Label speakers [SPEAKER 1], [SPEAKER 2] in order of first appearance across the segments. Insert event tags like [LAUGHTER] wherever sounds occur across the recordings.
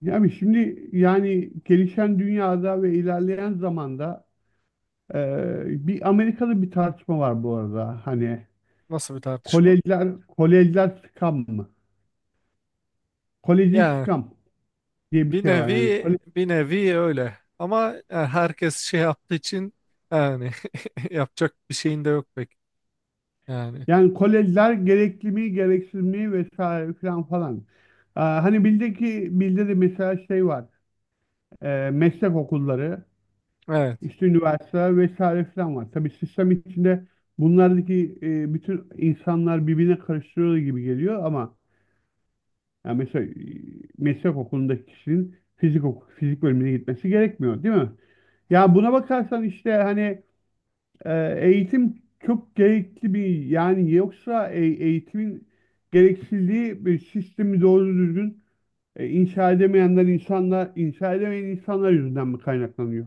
[SPEAKER 1] Yani şimdi gelişen dünyada ve ilerleyen zamanda bir Amerika'da bir tartışma var bu arada. Hani
[SPEAKER 2] Nasıl bir tartışma?
[SPEAKER 1] kolejler scam mı? Koleji
[SPEAKER 2] Yani
[SPEAKER 1] scam diye bir
[SPEAKER 2] bir
[SPEAKER 1] şey var.
[SPEAKER 2] nevi bir nevi öyle. Ama yani herkes şey yaptığı için yani [LAUGHS] yapacak bir şeyin de yok pek. Yani
[SPEAKER 1] Yani kolejler gerekli mi, gereksiz mi vesaire falan falan. Hani bildi ki bildi de mesela şey var. Meslek okulları,
[SPEAKER 2] evet.
[SPEAKER 1] işte üniversiteler vesaire falan var. Tabii sistem içinde bunlardaki bütün insanlar birbirine karıştırıyor gibi geliyor ama yani mesela meslek okulundaki kişinin fizik bölümüne gitmesi gerekmiyor, değil mi? Ya buna bakarsan işte hani eğitim çok gerekli bir yani yoksa eğitimin gereksildiği bir sistemi doğru düzgün inşa edemeyen insanlar yüzünden mi kaynaklanıyor?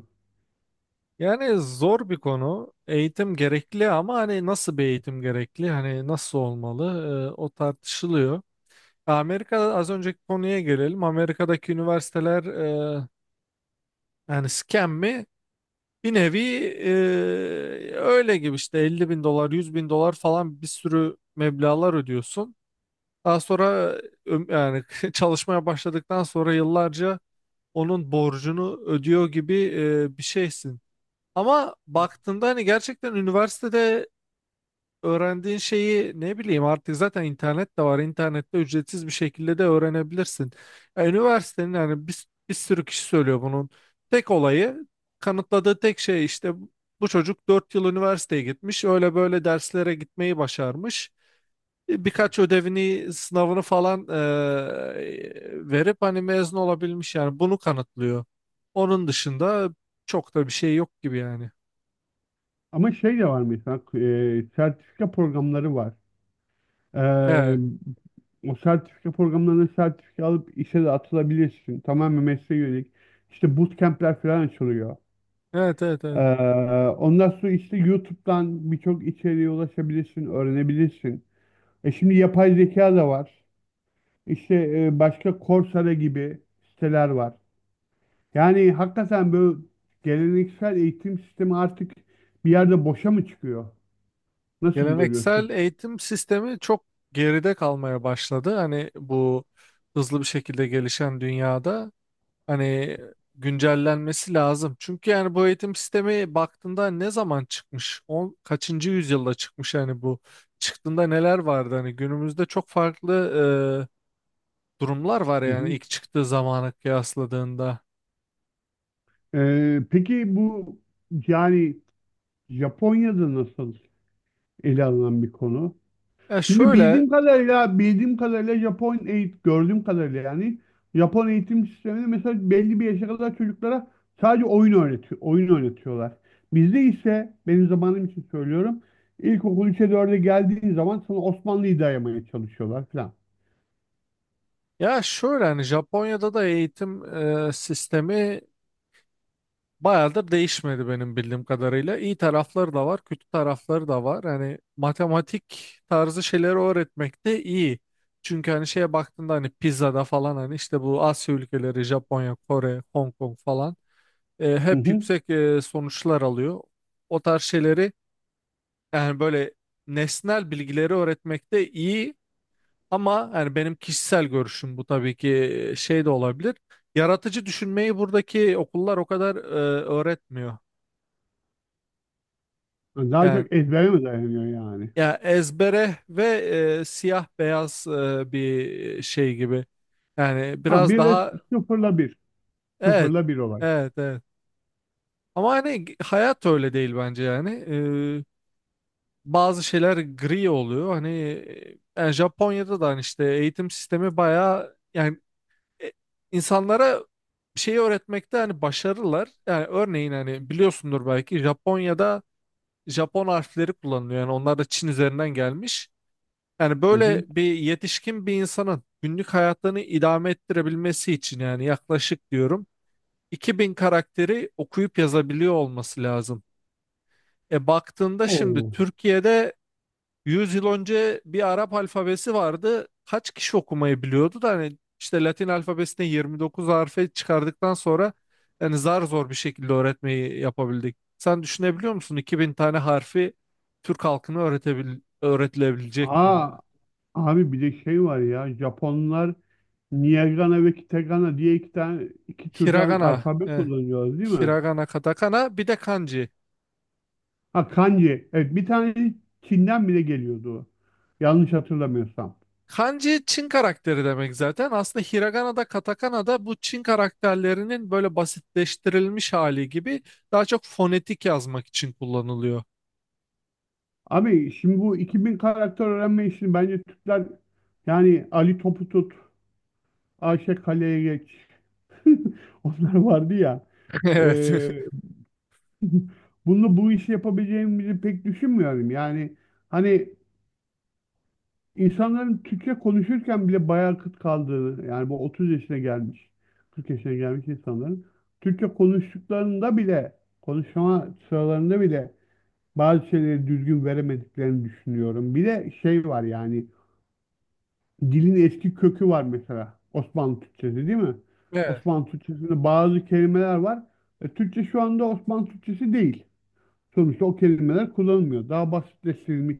[SPEAKER 2] Yani zor bir konu. Eğitim gerekli ama hani nasıl bir eğitim gerekli? Hani nasıl olmalı? O tartışılıyor. Amerika'da az önceki konuya gelelim. Amerika'daki üniversiteler yani scam mi? Bir nevi öyle gibi işte 50.000 dolar 100.000 dolar falan bir sürü meblağlar ödüyorsun. Daha sonra yani [LAUGHS] çalışmaya başladıktan sonra yıllarca onun borcunu ödüyor gibi bir şeysin. Ama baktığında hani gerçekten üniversitede öğrendiğin şeyi ne bileyim artık zaten internet de var. İnternette ücretsiz bir şekilde de öğrenebilirsin. Ya, üniversitenin yani bir sürü kişi söylüyor bunun. Tek olayı kanıtladığı tek şey işte bu çocuk 4 yıl üniversiteye gitmiş. Öyle böyle derslere gitmeyi başarmış.
[SPEAKER 1] Evet.
[SPEAKER 2] Birkaç ödevini, sınavını falan verip hani mezun olabilmiş yani bunu kanıtlıyor. Onun dışında çok da bir şey yok gibi yani.
[SPEAKER 1] Ama şey de var mesela sertifika programları var. E,
[SPEAKER 2] Evet,
[SPEAKER 1] O sertifika programlarına sertifika alıp işe de atılabilirsin. Tamamen mesleğe yönelik. İşte bootcamp'ler falan açılıyor.
[SPEAKER 2] evet, evet,
[SPEAKER 1] E,
[SPEAKER 2] evet.
[SPEAKER 1] Ondan sonra işte YouTube'dan birçok içeriğe ulaşabilirsin, öğrenebilirsin. Şimdi yapay zeka da var. İşte başka Coursera gibi siteler var. Yani hakikaten böyle geleneksel eğitim sistemi artık bir yerde boşa mı çıkıyor? Nasıl
[SPEAKER 2] Geleneksel
[SPEAKER 1] görüyorsun?
[SPEAKER 2] eğitim sistemi çok geride kalmaya başladı. Hani bu hızlı bir şekilde gelişen dünyada hani güncellenmesi lazım. Çünkü yani bu eğitim sistemi baktığında ne zaman çıkmış? Kaçıncı yüzyılda çıkmış yani bu? Çıktığında neler vardı? Hani günümüzde çok farklı durumlar var
[SPEAKER 1] Hı
[SPEAKER 2] yani
[SPEAKER 1] hı.
[SPEAKER 2] ilk çıktığı zamana kıyasladığında.
[SPEAKER 1] Peki bu yani Japonya'da nasıl ele alınan bir konu?
[SPEAKER 2] Ya
[SPEAKER 1] Çünkü
[SPEAKER 2] şöyle
[SPEAKER 1] bildiğim kadarıyla Japon eğitim gördüğüm kadarıyla yani Japon eğitim sisteminde mesela belli bir yaşa kadar çocuklara sadece oyun öğretiyor, oyun oynatıyorlar. Bizde ise benim zamanım için söylüyorum. İlkokul 3'e dörde geldiğin zaman sana Osmanlı'yı dayamaya çalışıyorlar falan.
[SPEAKER 2] ya şöyle, hani Japonya'da da eğitim sistemi bayağıdır değişmedi benim bildiğim kadarıyla. İyi tarafları da var, kötü tarafları da var. Hani matematik tarzı şeyleri öğretmek de iyi. Çünkü hani şeye baktığında hani pizzada falan hani işte bu Asya ülkeleri, Japonya, Kore, Hong Kong falan
[SPEAKER 1] Hı
[SPEAKER 2] hep
[SPEAKER 1] hı.
[SPEAKER 2] yüksek sonuçlar alıyor. O tarz şeyleri yani böyle nesnel bilgileri öğretmek de iyi ama yani benim kişisel görüşüm bu tabii ki şey de olabilir. Yaratıcı düşünmeyi buradaki okullar o kadar öğretmiyor.
[SPEAKER 1] Yani daha
[SPEAKER 2] Yani
[SPEAKER 1] çok ezbere mi dayanıyor yani?
[SPEAKER 2] ya ezbere ve siyah beyaz bir şey gibi. Yani
[SPEAKER 1] Ha
[SPEAKER 2] biraz
[SPEAKER 1] bir de
[SPEAKER 2] daha.
[SPEAKER 1] sıfırla bir.
[SPEAKER 2] Evet,
[SPEAKER 1] Sıfırla bir olay.
[SPEAKER 2] evet, evet. Ama hani hayat öyle değil bence yani. E, Bazı şeyler gri oluyor. Hani yani Japonya'da da hani işte eğitim sistemi bayağı yani e, insanlara bir şeyi öğretmekte hani başarılılar. Yani örneğin hani biliyorsundur belki Japonya'da Japon harfleri kullanılıyor. Yani onlar da Çin üzerinden gelmiş. Yani
[SPEAKER 1] Hı
[SPEAKER 2] böyle
[SPEAKER 1] hı.
[SPEAKER 2] bir yetişkin bir insanın günlük hayatlarını idame ettirebilmesi için yani yaklaşık diyorum 2000 karakteri okuyup yazabiliyor olması lazım. Baktığında şimdi
[SPEAKER 1] Oo.
[SPEAKER 2] Türkiye'de 100 yıl önce bir Arap alfabesi vardı. Kaç kişi okumayı biliyordu da hani işte Latin alfabesine 29 harfe çıkardıktan sonra yani zar zor bir şekilde öğretmeyi yapabildik. Sen düşünebiliyor musun 2000 tane harfi Türk halkına öğretilebilecek mi ya?
[SPEAKER 1] Aa, abi bir de şey var ya Japonlar Niyagana ve Kitagana diye iki türden
[SPEAKER 2] Hiragana.
[SPEAKER 1] alfabe
[SPEAKER 2] Eh.
[SPEAKER 1] kullanıyoruz değil mi?
[SPEAKER 2] Hiragana, katakana, bir de kanji.
[SPEAKER 1] Ha kanji. Evet bir tane Çin'den bile geliyordu. O. Yanlış hatırlamıyorsam.
[SPEAKER 2] Kanji Çin karakteri demek zaten. Aslında hiragana da katakana da bu Çin karakterlerinin böyle basitleştirilmiş hali gibi daha çok fonetik yazmak için kullanılıyor.
[SPEAKER 1] Abi şimdi bu 2000 karakter öğrenme işini bence Türkler yani Ali Topu tut, Ayşe Kale'ye geç. [LAUGHS] Onlar vardı ya.
[SPEAKER 2] [LAUGHS] Evet.
[SPEAKER 1] Ee, [LAUGHS] bu işi yapabileceğimizi pek düşünmüyorum. Yani hani İnsanların Türkçe konuşurken bile bayağı kıt kaldığını, yani bu 30 yaşına gelmiş, 40 yaşına gelmiş insanların Türkçe konuştuklarında bile, konuşma sıralarında bile bazı şeyleri düzgün veremediklerini düşünüyorum. Bir de şey var yani, dilin eski kökü var mesela. Osmanlı Türkçesi değil mi?
[SPEAKER 2] Evet.
[SPEAKER 1] Osmanlı Türkçesinde bazı kelimeler var. Türkçe şu anda Osmanlı Türkçesi değil. Sonuçta o kelimeler kullanılmıyor. Daha basitleştirilmiş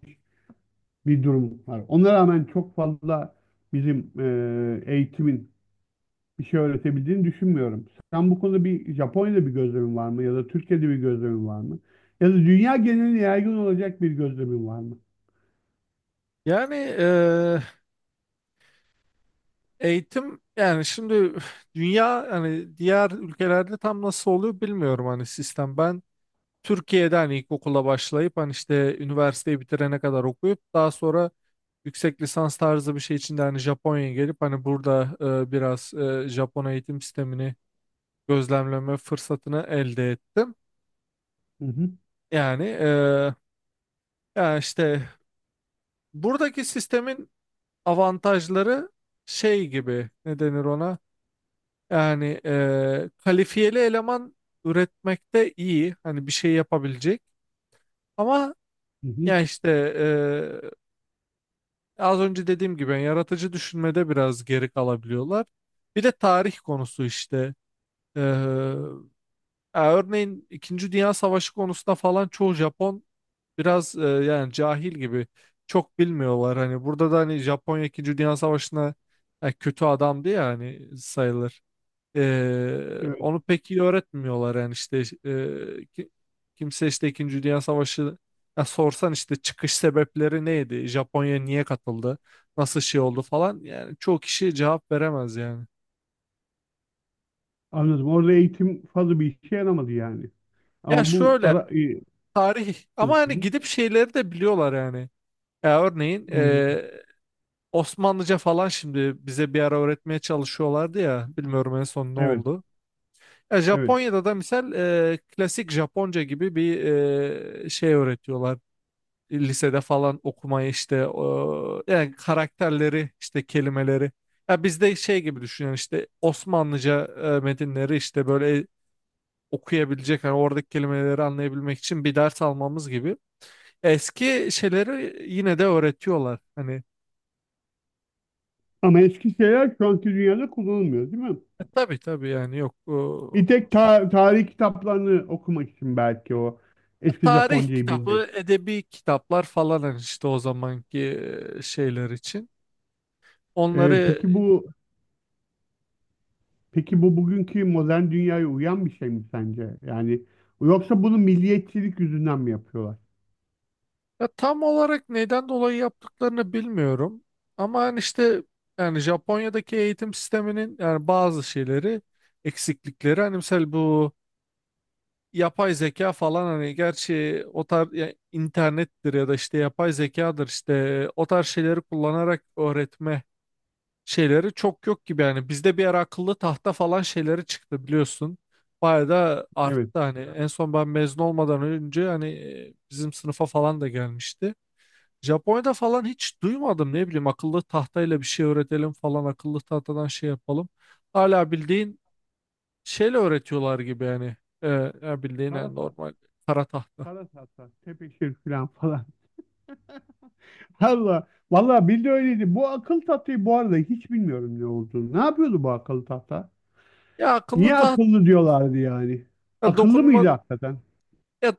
[SPEAKER 1] bir durum var. Ona rağmen çok fazla bizim eğitimin bir şey öğretebildiğini düşünmüyorum. Sen bu konuda bir Japonya'da bir gözlemin var mı? Ya da Türkiye'de bir gözlemin var mı? Ya da dünya geneline yaygın olacak bir gözlemin var mı?
[SPEAKER 2] Yani eğitim yani şimdi dünya hani diğer ülkelerde tam nasıl oluyor bilmiyorum hani sistem. Ben Türkiye'de hani ilkokula başlayıp hani işte üniversiteyi bitirene kadar okuyup daha sonra yüksek lisans tarzı bir şey için de hani Japonya'ya gelip hani burada biraz Japon eğitim sistemini gözlemleme fırsatını elde ettim.
[SPEAKER 1] Hı hı,
[SPEAKER 2] Yani ya işte buradaki sistemin avantajları şey gibi, ne denir ona? Yani kalifiyeli eleman üretmekte iyi. Hani bir şey yapabilecek. Ama
[SPEAKER 1] hı hı.
[SPEAKER 2] ya işte az önce dediğim gibi yani yaratıcı düşünmede biraz geri kalabiliyorlar. Bir de tarih konusu işte. Ee, Ya örneğin İkinci Dünya Savaşı konusunda falan çoğu Japon biraz yani cahil gibi çok bilmiyorlar. Hani burada da hani Japonya İkinci Dünya Savaşı'na kötü adamdı ya hani sayılır.
[SPEAKER 1] Evet,
[SPEAKER 2] Onu pek iyi öğretmiyorlar yani işte e, ki- kimse işte İkinci Dünya Savaşı, ya sorsan işte çıkış sebepleri neydi? Japonya niye katıldı? Nasıl şey oldu falan yani çoğu kişi cevap veremez yani.
[SPEAKER 1] anladım. Orada eğitim fazla bir işe yaramadı yani.
[SPEAKER 2] Ya
[SPEAKER 1] Ama bu
[SPEAKER 2] şöyle,
[SPEAKER 1] ara... e,
[SPEAKER 2] tarih
[SPEAKER 1] Hı
[SPEAKER 2] ama hani
[SPEAKER 1] hı.
[SPEAKER 2] gidip şeyleri de biliyorlar yani. Ya örneğin
[SPEAKER 1] Neydi?
[SPEAKER 2] Osmanlıca falan şimdi bize bir ara öğretmeye çalışıyorlardı ya, bilmiyorum en son ne
[SPEAKER 1] Evet,
[SPEAKER 2] oldu. Ya
[SPEAKER 1] evet.
[SPEAKER 2] Japonya'da da misal klasik Japonca gibi bir şey öğretiyorlar. Lisede falan okumayı işte o, yani karakterleri işte kelimeleri. Ya bizde şey gibi düşünün işte Osmanlıca metinleri işte böyle okuyabilecek hani oradaki kelimeleri anlayabilmek için bir ders almamız gibi. Eski şeyleri yine de öğretiyorlar. Hani
[SPEAKER 1] Ama eski şeyler şu anki dünyada kullanılmıyor, değil mi?
[SPEAKER 2] tabii tabii yani yok.
[SPEAKER 1] Bir tek tarih kitaplarını okumak için belki o eski
[SPEAKER 2] Tarih
[SPEAKER 1] Japoncayı bilmek.
[SPEAKER 2] kitabı, edebi kitaplar falan hani işte o zamanki şeyler için. Onları
[SPEAKER 1] Peki bu bugünkü modern dünyaya uyan bir şey mi sence? Yani yoksa bunu milliyetçilik yüzünden mi yapıyorlar?
[SPEAKER 2] ya, tam olarak neden dolayı yaptıklarını bilmiyorum. Ama hani işte yani Japonya'daki eğitim sisteminin yani bazı şeyleri, eksiklikleri hani mesela bu yapay zeka falan, hani gerçi o tarz ya internettir ya da işte yapay zekadır, işte o tarz şeyleri kullanarak öğretme şeyleri çok yok gibi yani. Bizde bir ara akıllı tahta falan şeyleri çıktı biliyorsun. Bayağı da
[SPEAKER 1] Evet.
[SPEAKER 2] arttı hani, en son ben mezun olmadan önce hani bizim sınıfa falan da gelmişti. Japonya'da falan hiç duymadım, ne bileyim akıllı tahtayla bir şey öğretelim falan, akıllı tahtadan şey yapalım. Hala bildiğin şeyle öğretiyorlar gibi yani. Ee, Ya bildiğin yani
[SPEAKER 1] Parasat,
[SPEAKER 2] normal kara tahta.
[SPEAKER 1] parasat, tepeşir falan falan. [LAUGHS] Allah, vallahi bildi öyleydi. Bu akıl tahtayı bu arada hiç bilmiyorum ne olduğunu. Ne yapıyordu bu akıl tahta?
[SPEAKER 2] Ya akıllı
[SPEAKER 1] Niye
[SPEAKER 2] tahta,
[SPEAKER 1] akıllı diyorlardı yani?
[SPEAKER 2] ya
[SPEAKER 1] Akıllı
[SPEAKER 2] dokunma
[SPEAKER 1] mıydı hakikaten?
[SPEAKER 2] ya,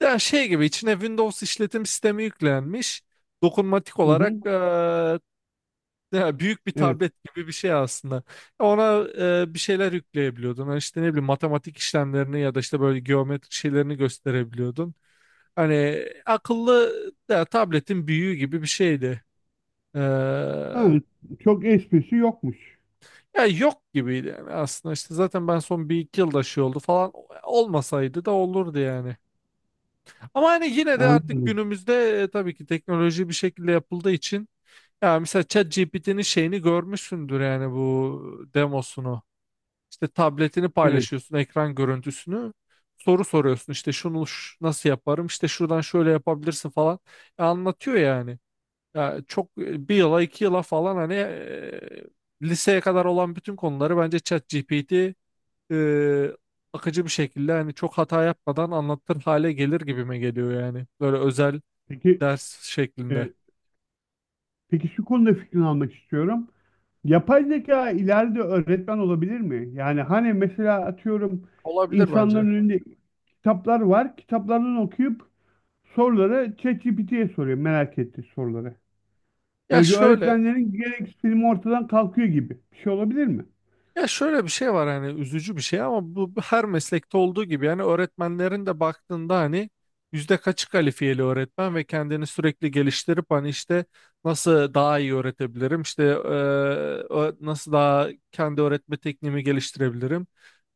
[SPEAKER 2] ya şey gibi içine Windows işletim sistemi yüklenmiş. Dokunmatik
[SPEAKER 1] Hı
[SPEAKER 2] olarak
[SPEAKER 1] hı,
[SPEAKER 2] ya büyük bir
[SPEAKER 1] evet.
[SPEAKER 2] tablet gibi bir şey aslında. Ona bir şeyler yükleyebiliyordun. Yani işte ne bileyim matematik işlemlerini ya da işte böyle geometrik şeylerini gösterebiliyordun. Hani akıllı, ya, tabletin büyüğü gibi bir şeydi. Ee,
[SPEAKER 1] Ha, çok esprisi yokmuş.
[SPEAKER 2] Ya yok gibiydi yani aslında, işte zaten ben son bir iki yılda şey oldu falan, olmasaydı da olurdu yani. Ama hani yine de artık
[SPEAKER 1] Anladım.
[SPEAKER 2] günümüzde tabii ki teknoloji bir şekilde yapıldığı için, ya mesela ChatGPT'nin şeyini görmüşsündür yani, bu demosunu. İşte tabletini
[SPEAKER 1] Evet.
[SPEAKER 2] paylaşıyorsun, ekran görüntüsünü soru soruyorsun, işte şunu nasıl yaparım, işte şuradan şöyle yapabilirsin falan anlatıyor yani. Ya çok bir yıla iki yıla falan, hani liseye kadar olan bütün konuları bence ChatGPT e, akıcı bir şekilde hani çok hata yapmadan anlatır hale gelir gibime geliyor yani. Böyle özel
[SPEAKER 1] Peki
[SPEAKER 2] ders şeklinde.
[SPEAKER 1] e, peki şu konuda fikrini almak istiyorum. Yapay zeka ileride öğretmen olabilir mi? Yani hani mesela atıyorum
[SPEAKER 2] Olabilir
[SPEAKER 1] insanların
[SPEAKER 2] bence.
[SPEAKER 1] önünde kitaplar var. Kitaplardan okuyup soruları ChatGPT'ye soruyor merak ettiği soruları.
[SPEAKER 2] Ya
[SPEAKER 1] Böylece
[SPEAKER 2] şöyle
[SPEAKER 1] öğretmenlerin gereksinimi ortadan kalkıyor gibi. Bir şey olabilir mi?
[SPEAKER 2] ya şöyle, bir şey var, hani üzücü bir şey ama, bu her meslekte olduğu gibi yani öğretmenlerin de baktığında hani yüzde kaçı kalifiyeli öğretmen ve kendini sürekli geliştirip hani işte nasıl daha iyi öğretebilirim işte nasıl daha kendi öğretme tekniğimi geliştirebilirim,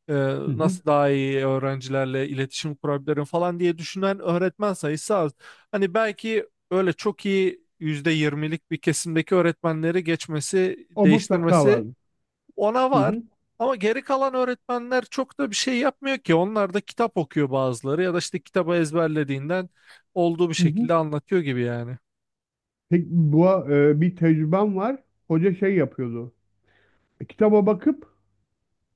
[SPEAKER 2] e,
[SPEAKER 1] Hı hı.
[SPEAKER 2] nasıl daha iyi öğrencilerle iletişim kurabilirim falan diye düşünen öğretmen sayısı az. Hani belki öyle çok iyi %20'lik bir kesimdeki öğretmenleri geçmesi,
[SPEAKER 1] O mutlaka
[SPEAKER 2] değiştirmesi,
[SPEAKER 1] vardır.
[SPEAKER 2] ona
[SPEAKER 1] Hı
[SPEAKER 2] var.
[SPEAKER 1] hı.
[SPEAKER 2] Ama geri kalan öğretmenler çok da bir şey yapmıyor ki. Onlar da kitap okuyor bazıları, ya da işte kitabı ezberlediğinden olduğu bir
[SPEAKER 1] Hı hı.
[SPEAKER 2] şekilde anlatıyor gibi yani.
[SPEAKER 1] Peki bu bir tecrübem var. Hoca şey yapıyordu. Kitaba bakıp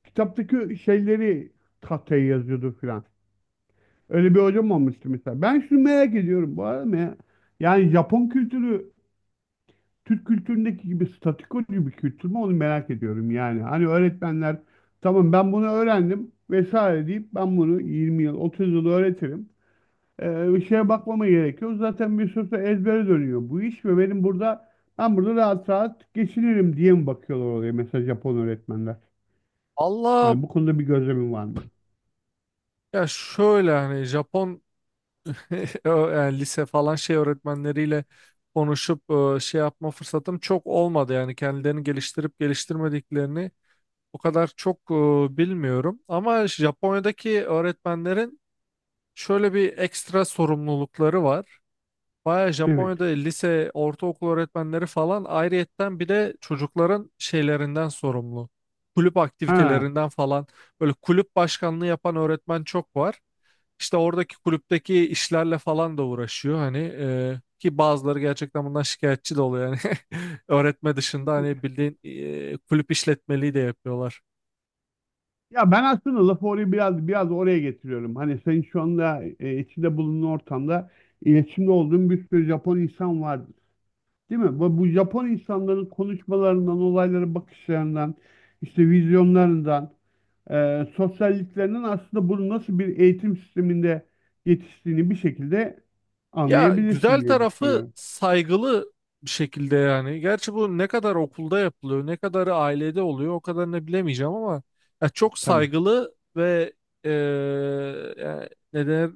[SPEAKER 1] kitaptaki şeyleri tahtaya yazıyordu filan. Öyle bir hocam olmuştu mesela. Ben şunu merak ediyorum bu arada ya. Yani Japon kültürü Türk kültüründeki gibi statikocu bir kültür mü onu merak ediyorum yani. Hani öğretmenler tamam ben bunu öğrendim vesaire deyip ben bunu 20 yıl 30 yıl öğretirim. Bir şeye bakmama gerekiyor. Zaten bir süre sonra ezbere dönüyor bu iş ve ben burada rahat rahat geçinirim diye mi bakıyorlar oraya mesela Japon öğretmenler?
[SPEAKER 2] Allah,
[SPEAKER 1] Yani bu konuda bir gözlemin var mı?
[SPEAKER 2] ya şöyle hani Japon [LAUGHS] yani lise falan şey öğretmenleriyle konuşup şey yapma fırsatım çok olmadı. Yani kendilerini geliştirip geliştirmediklerini o kadar çok bilmiyorum. Ama Japonya'daki öğretmenlerin şöyle bir ekstra sorumlulukları var. Baya
[SPEAKER 1] Evet.
[SPEAKER 2] Japonya'da lise, ortaokul öğretmenleri falan ayrıyetten bir de çocukların şeylerinden sorumlu. Kulüp
[SPEAKER 1] Ha.
[SPEAKER 2] aktivitelerinden falan, böyle kulüp başkanlığı yapan öğretmen çok var. İşte oradaki kulüpteki işlerle falan da uğraşıyor hani, ki bazıları gerçekten bundan şikayetçi de oluyor yani [LAUGHS] öğretme dışında hani bildiğin kulüp işletmeliği de yapıyorlar.
[SPEAKER 1] Ya ben aslında lafı oraya biraz oraya getiriyorum. Hani senin şu anda içinde bulunduğun ortamda iletişimde olduğun bir sürü Japon insan vardır. Değil mi? Bu Japon insanların konuşmalarından, olaylara bakışlarından, işte vizyonlarından, sosyalliklerinden aslında bunu nasıl bir eğitim sisteminde yetiştiğini bir şekilde
[SPEAKER 2] Ya
[SPEAKER 1] anlayabilirsin
[SPEAKER 2] güzel
[SPEAKER 1] diye
[SPEAKER 2] tarafı
[SPEAKER 1] düşünüyorum.
[SPEAKER 2] saygılı bir şekilde yani. Gerçi bu ne kadar okulda yapılıyor, ne kadarı ailede oluyor o kadarını bilemeyeceğim ama ya çok
[SPEAKER 1] Tabii.
[SPEAKER 2] saygılı ve e, yani ne denir,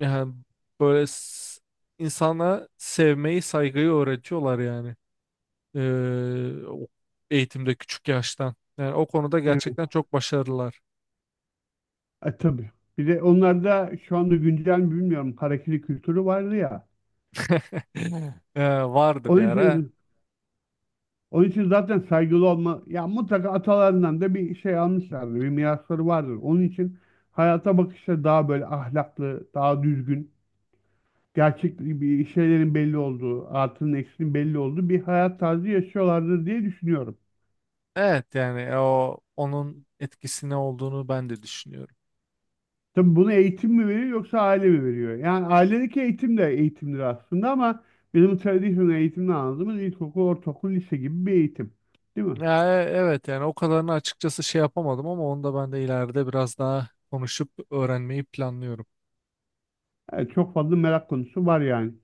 [SPEAKER 2] yani böyle insana sevmeyi, saygıyı öğretiyorlar yani. Ee, o- Eğitimde küçük yaştan. Yani o konuda
[SPEAKER 1] Evet.
[SPEAKER 2] gerçekten çok başarılılar. [LAUGHS]
[SPEAKER 1] Tabii. Bir de onlarda şu anda güncel mi bilmiyorum harekeli kültürü vardı ya.
[SPEAKER 2] Vardı bir
[SPEAKER 1] Onun
[SPEAKER 2] ara.
[SPEAKER 1] için Onun için zaten saygılı olma, ya mutlaka atalarından da bir şey almışlardır, bir mirasları vardır. Onun için hayata bakışları daha böyle ahlaklı, daha düzgün, gerçek bir şeylerin belli olduğu, artının eksinin belli olduğu bir hayat tarzı yaşıyorlardır diye düşünüyorum.
[SPEAKER 2] Evet yani onun etkisine olduğunu ben de düşünüyorum.
[SPEAKER 1] Tabii bunu eğitim mi veriyor yoksa aile mi veriyor? Yani ailedeki eğitim de eğitimdir aslında ama bizim tradisyonel eğitimden anladığımız ilkokul, ortaokul, lise gibi bir eğitim. Değil mi?
[SPEAKER 2] Ya, evet yani o kadarını açıkçası şey yapamadım ama onu da ben de ileride biraz daha konuşup öğrenmeyi planlıyorum.
[SPEAKER 1] Evet, çok fazla merak konusu var yani.